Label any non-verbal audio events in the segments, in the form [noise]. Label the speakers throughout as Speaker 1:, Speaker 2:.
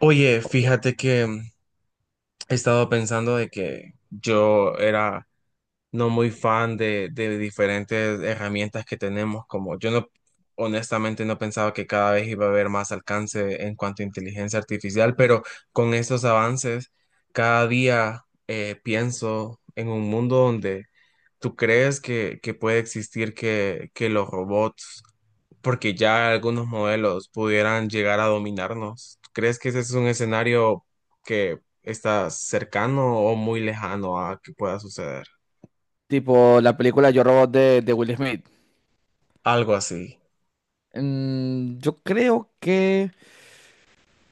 Speaker 1: Oye,
Speaker 2: Ok.
Speaker 1: fíjate que he estado pensando de que yo era no muy fan de diferentes herramientas que tenemos, como yo no, honestamente no pensaba que cada vez iba a haber más alcance en cuanto a inteligencia artificial, pero con estos avances, cada día pienso en un mundo donde... ¿Tú crees que puede existir que los robots, porque ya algunos modelos pudieran llegar a dominarnos? ¿Tú crees que ese es un escenario que está cercano o muy lejano a que pueda suceder?
Speaker 2: Tipo la película Yo Robot de Will Smith.
Speaker 1: Algo así.
Speaker 2: Mm, yo creo que.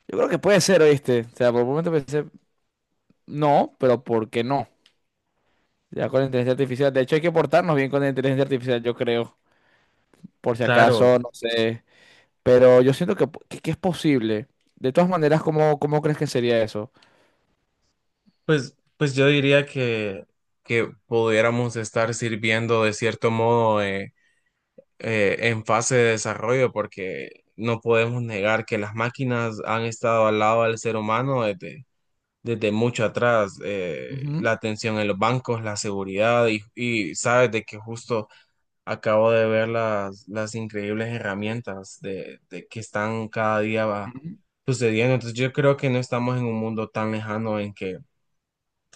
Speaker 2: Yo creo que puede ser, ¿oíste? O sea, por un momento pensé, no, pero ¿por qué no? Ya con la inteligencia artificial. De hecho, hay que portarnos bien con la inteligencia artificial, yo creo. Por si
Speaker 1: Claro.
Speaker 2: acaso, no sé. Pero yo siento que es posible. De todas maneras, cómo crees que sería eso?
Speaker 1: Pues yo diría que pudiéramos estar sirviendo de cierto modo en fase de desarrollo, porque no podemos negar que las máquinas han estado al lado del ser humano desde desde mucho atrás,
Speaker 2: Ujú,
Speaker 1: la atención en los bancos, la seguridad y sabes de que justo acabo de ver las increíbles herramientas de que están cada día
Speaker 2: ujú,
Speaker 1: sucediendo. Entonces yo creo que no estamos en un mundo tan lejano en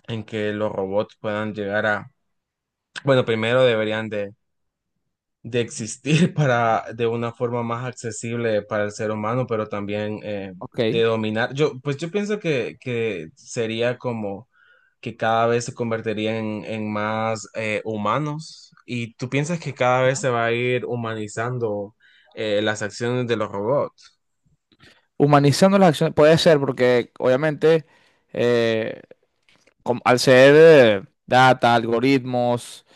Speaker 1: en que los robots puedan llegar a, bueno, primero deberían de existir [laughs] para, de una forma más accesible para el ser humano, pero también
Speaker 2: ok.
Speaker 1: de dominar. Pues yo pienso que sería como que cada vez se convertirían en más humanos. ¿Y tú piensas que cada vez se va a ir humanizando las acciones de los robots?
Speaker 2: Humanizando las acciones. Puede ser, porque obviamente, eh, al ser data, algoritmos,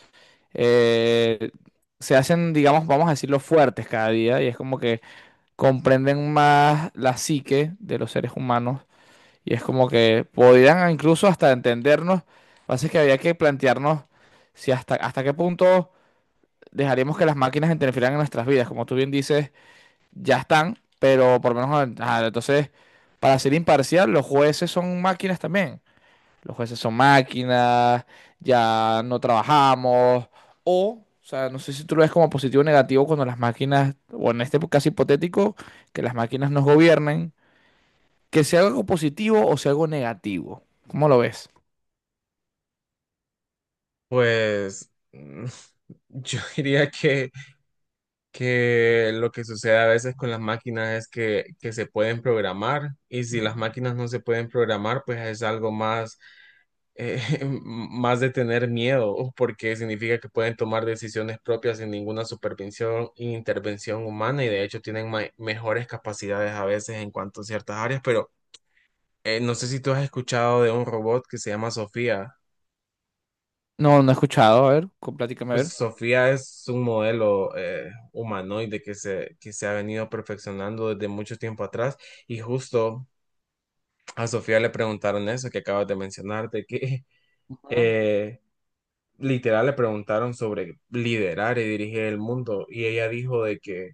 Speaker 2: eh, se hacen, digamos, vamos a decirlo, fuertes cada día y es como que comprenden más la psique de los seres humanos y es como que podrían incluso hasta entendernos. Lo que pasa es que había que plantearnos si hasta qué punto dejaríamos que las máquinas interfieran en nuestras vidas. Como tú bien dices, ya están, pero por lo menos, ah, entonces, para ser imparcial, los jueces son máquinas también. Los jueces son máquinas, ya no trabajamos. O sea, no sé si tú lo ves como positivo o negativo cuando las máquinas, o en este caso hipotético, que las máquinas nos gobiernen, que sea algo positivo o sea algo negativo. ¿Cómo lo ves?
Speaker 1: Pues [laughs] yo diría que lo que sucede a veces con las máquinas es que se pueden programar y si las máquinas no se pueden programar, pues es algo más, eh, [laughs] más de tener miedo, porque significa que pueden tomar decisiones propias sin ninguna supervisión e intervención humana y de hecho tienen mejores capacidades a veces en cuanto a ciertas áreas, pero no sé si tú has escuchado de un robot que se llama Sofía.
Speaker 2: No, no he escuchado. A ver, platícame a
Speaker 1: Pues
Speaker 2: ver.
Speaker 1: Sofía es un modelo humanoide que que se ha venido perfeccionando desde mucho tiempo atrás y justo a Sofía le preguntaron eso que acabas de mencionar, de que [laughs] eh, literal le preguntaron sobre liderar y dirigir el mundo y ella dijo de que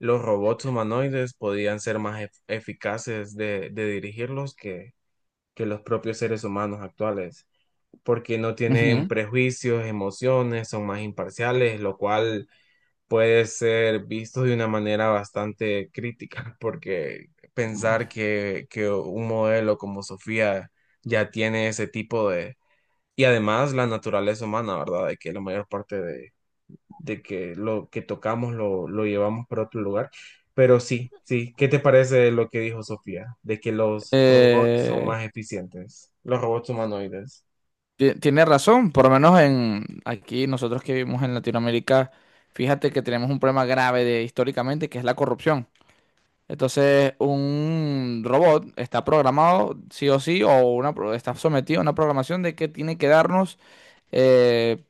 Speaker 1: los robots humanoides podían ser más eficaces de dirigirlos que los propios seres humanos actuales, porque no tienen
Speaker 2: Ujú.
Speaker 1: prejuicios, emociones, son más imparciales, lo cual puede ser visto de una manera bastante crítica, porque pensar que un modelo como Sofía ya tiene ese tipo de... Y además la naturaleza humana, ¿verdad? De que la mayor parte de que lo que tocamos lo llevamos para otro lugar. Pero sí, sí. ¿Qué te parece lo que dijo Sofía? De que los robots son
Speaker 2: Eh,
Speaker 1: más eficientes, los robots humanoides.
Speaker 2: Tiene razón, por lo menos en aquí nosotros que vivimos en Latinoamérica, fíjate que tenemos un problema grave de, históricamente, que es la corrupción. Entonces, un robot está programado, sí o sí, o una, está sometido a una programación de que tiene que darnos, eh,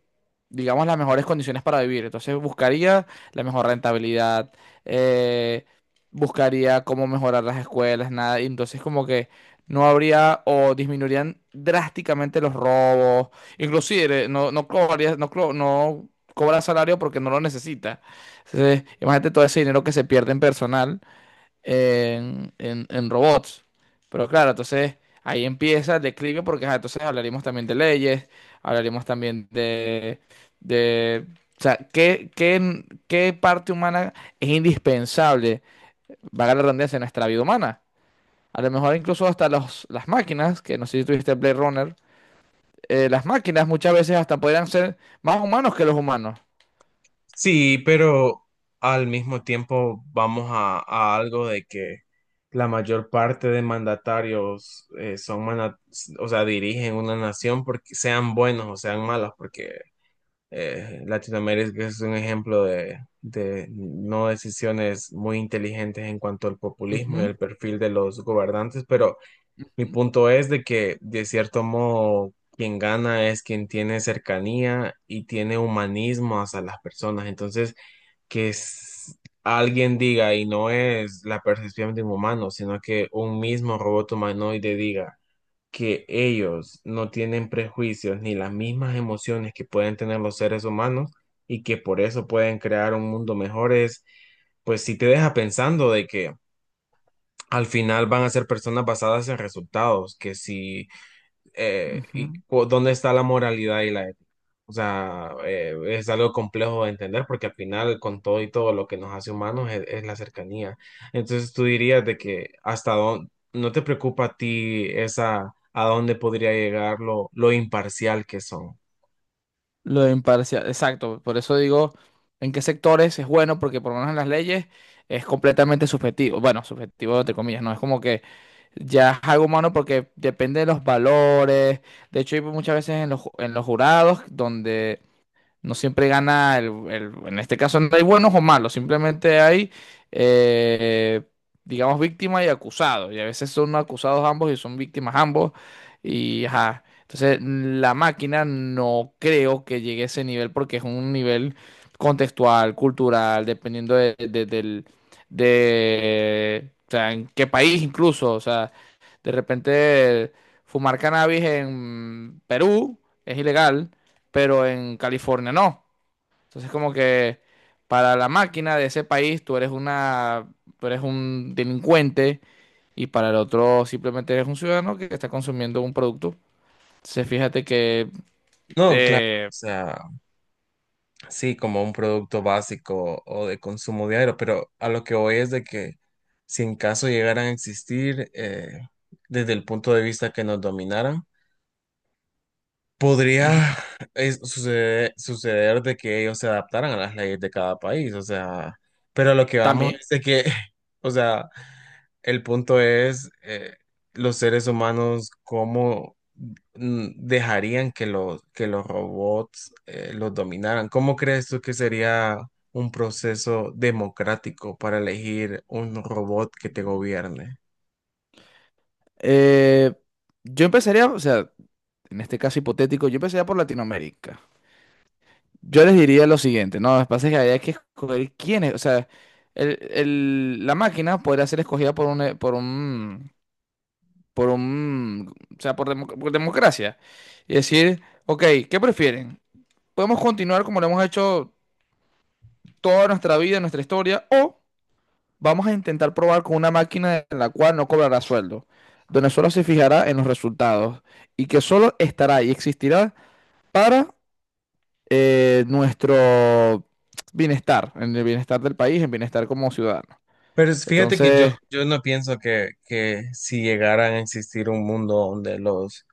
Speaker 2: digamos, las mejores condiciones para vivir. Entonces, buscaría la mejor rentabilidad, eh, buscaría cómo mejorar las escuelas, nada. Y entonces, como que no habría o disminuirían drásticamente los robos. Inclusive, no, no cobraría, no, no cobra salario porque no lo necesita. Entonces, imagínate todo ese dinero que se pierde en personal en, en robots. Pero claro, entonces ahí empieza el declive porque ajá, entonces hablaríamos también de leyes, hablaríamos también de, o sea, qué parte humana es indispensable, valga la redundancia, en nuestra vida humana? A lo mejor incluso hasta los, las máquinas, que no sé si tuviste Blade Runner, las máquinas muchas veces hasta podrían ser más humanos que los humanos.
Speaker 1: Sí, pero al mismo tiempo vamos a algo de que la mayor parte de mandatarios o sea, dirigen una nación porque sean buenos o sean malos, porque Latinoamérica es un ejemplo de no decisiones muy inteligentes en cuanto al populismo y
Speaker 2: Ujú,
Speaker 1: el perfil de los gobernantes, pero mi
Speaker 2: ujú,
Speaker 1: punto es de que de cierto modo quien gana es quien tiene cercanía y tiene humanismo hacia las personas, entonces que s- alguien diga, y no es la percepción de un humano, sino que un mismo robot humanoide diga que ellos no tienen prejuicios ni las mismas emociones que pueden tener los seres humanos y que por eso pueden crear un mundo mejor es, pues si te deja pensando de que al final van a ser personas basadas en resultados, que si y
Speaker 2: ujú.
Speaker 1: cu- dónde está la moralidad y la ética. O sea, es algo complejo de entender porque al final con todo y todo lo que nos hace humanos es la cercanía. Entonces tú dirías de que hasta dónde, no te preocupa a ti esa, a dónde podría llegar lo imparcial que son.
Speaker 2: Lo de imparcial, exacto. Por eso digo en qué sectores es bueno, porque por lo menos en las leyes es completamente subjetivo. Bueno, subjetivo entre comillas, no es como que ya es algo humano porque depende de los valores. De hecho, hay muchas veces en los, en los jurados donde no siempre gana en este caso no hay buenos o malos, simplemente hay, eh, digamos, víctima y acusado. Y a veces son acusados ambos y son víctimas ambos. Y ajá. Entonces, la máquina no creo que llegue a ese nivel porque es un nivel contextual, cultural, dependiendo del, de, o sea, en qué país incluso. O sea, de repente fumar cannabis en Perú es ilegal pero en California no. Entonces como que para la máquina de ese país tú eres una, tú eres un delincuente y para el otro simplemente eres un ciudadano que está consumiendo un producto. Entonces fíjate que
Speaker 1: No, claro. O
Speaker 2: eh,
Speaker 1: sea, sí, como un producto básico o de consumo diario, pero a lo que voy es de que si en caso llegaran a existir, desde el punto de vista que nos dominaran,
Speaker 2: ujú,
Speaker 1: podría suceder, de que ellos se adaptaran a las leyes de cada país, o sea, pero lo que vamos
Speaker 2: también
Speaker 1: es de que, [laughs] o sea, el punto es los seres humanos cómo dejarían que los robots los dominaran. ¿Cómo crees tú que sería un proceso democrático para elegir un robot que te gobierne?
Speaker 2: eh, yo empezaría, o sea, en este caso hipotético, yo empezaría por Latinoamérica. Yo les diría lo siguiente, no, lo que pasa es que hay que escoger quiénes, o sea, la máquina podría ser escogida o sea, por, por democracia. Y decir, ok, ¿qué prefieren? ¿Podemos continuar como lo hemos hecho toda nuestra vida, nuestra historia, o vamos a intentar probar con una máquina en la cual no cobrará sueldo, donde solo se fijará en los resultados y que solo estará y existirá para nuestro bienestar, en el bienestar del país, en bienestar como ciudadano?
Speaker 1: Pero fíjate que
Speaker 2: Entonces,
Speaker 1: yo no pienso que si llegaran a existir un mundo donde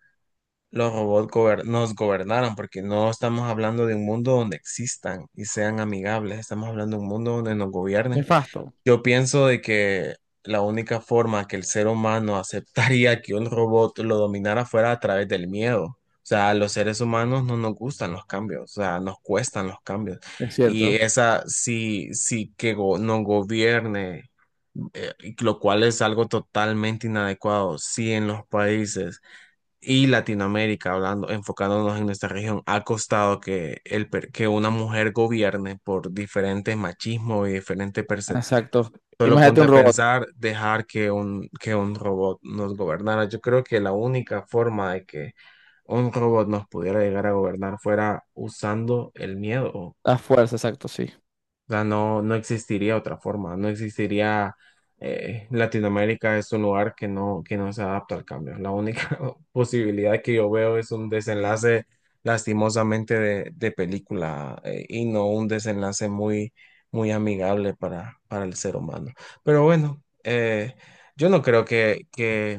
Speaker 1: los robots nos gobernaran, porque no estamos hablando de un mundo donde existan y sean amigables, estamos hablando de un mundo donde nos gobiernen.
Speaker 2: nefasto,
Speaker 1: Yo pienso de que la única forma que el ser humano aceptaría que un robot lo dominara fuera a través del miedo. O sea, a los seres humanos no nos gustan los cambios, o sea, nos cuestan los cambios.
Speaker 2: es
Speaker 1: Y
Speaker 2: cierto,
Speaker 1: esa, si que nos gobierne y lo cual es algo totalmente inadecuado. Si en los países y Latinoamérica, hablando, enfocándonos en nuestra región, ha costado que una mujer gobierne por diferentes machismo y diferentes percepciones.
Speaker 2: exacto.
Speaker 1: Solo
Speaker 2: Imagínate
Speaker 1: ponte
Speaker 2: un
Speaker 1: a
Speaker 2: robot,
Speaker 1: pensar, dejar que que un robot nos gobernara. Yo creo que la única forma de que un robot nos pudiera llegar a gobernar fuera usando el miedo.
Speaker 2: a fuerza, exacto, sí.
Speaker 1: O sea, no, no existiría otra forma, no existiría Latinoamérica es un lugar que no se adapta al cambio. La única [laughs] posibilidad que yo veo es un desenlace lastimosamente de película y no un desenlace muy amigable para el ser humano. Pero bueno, yo no creo que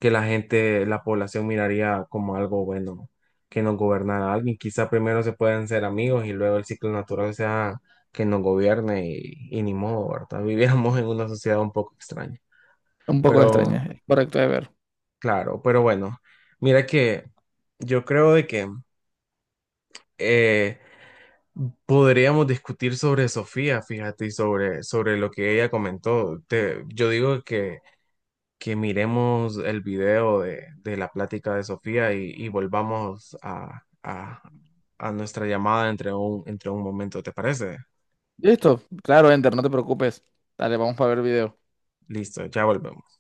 Speaker 1: que la gente, la población miraría como algo bueno, que nos gobernara alguien. Quizá primero se pueden ser amigos y luego el ciclo natural sea que nos gobierne y ni modo, ¿verdad? [laughs] Vivíamos en una sociedad un poco extraña.
Speaker 2: Un poco
Speaker 1: Pero,
Speaker 2: extraña, es correcto de ver.
Speaker 1: claro, pero bueno, mira que yo creo de que eh, podríamos discutir sobre Sofía, fíjate, sobre lo que ella comentó. Yo digo que miremos el video de la plática de Sofía y volvamos a nuestra llamada entre entre un momento, ¿te parece?
Speaker 2: Listo, claro, Enter, no te preocupes. Dale, vamos para ver video.
Speaker 1: Listo, ya volvemos.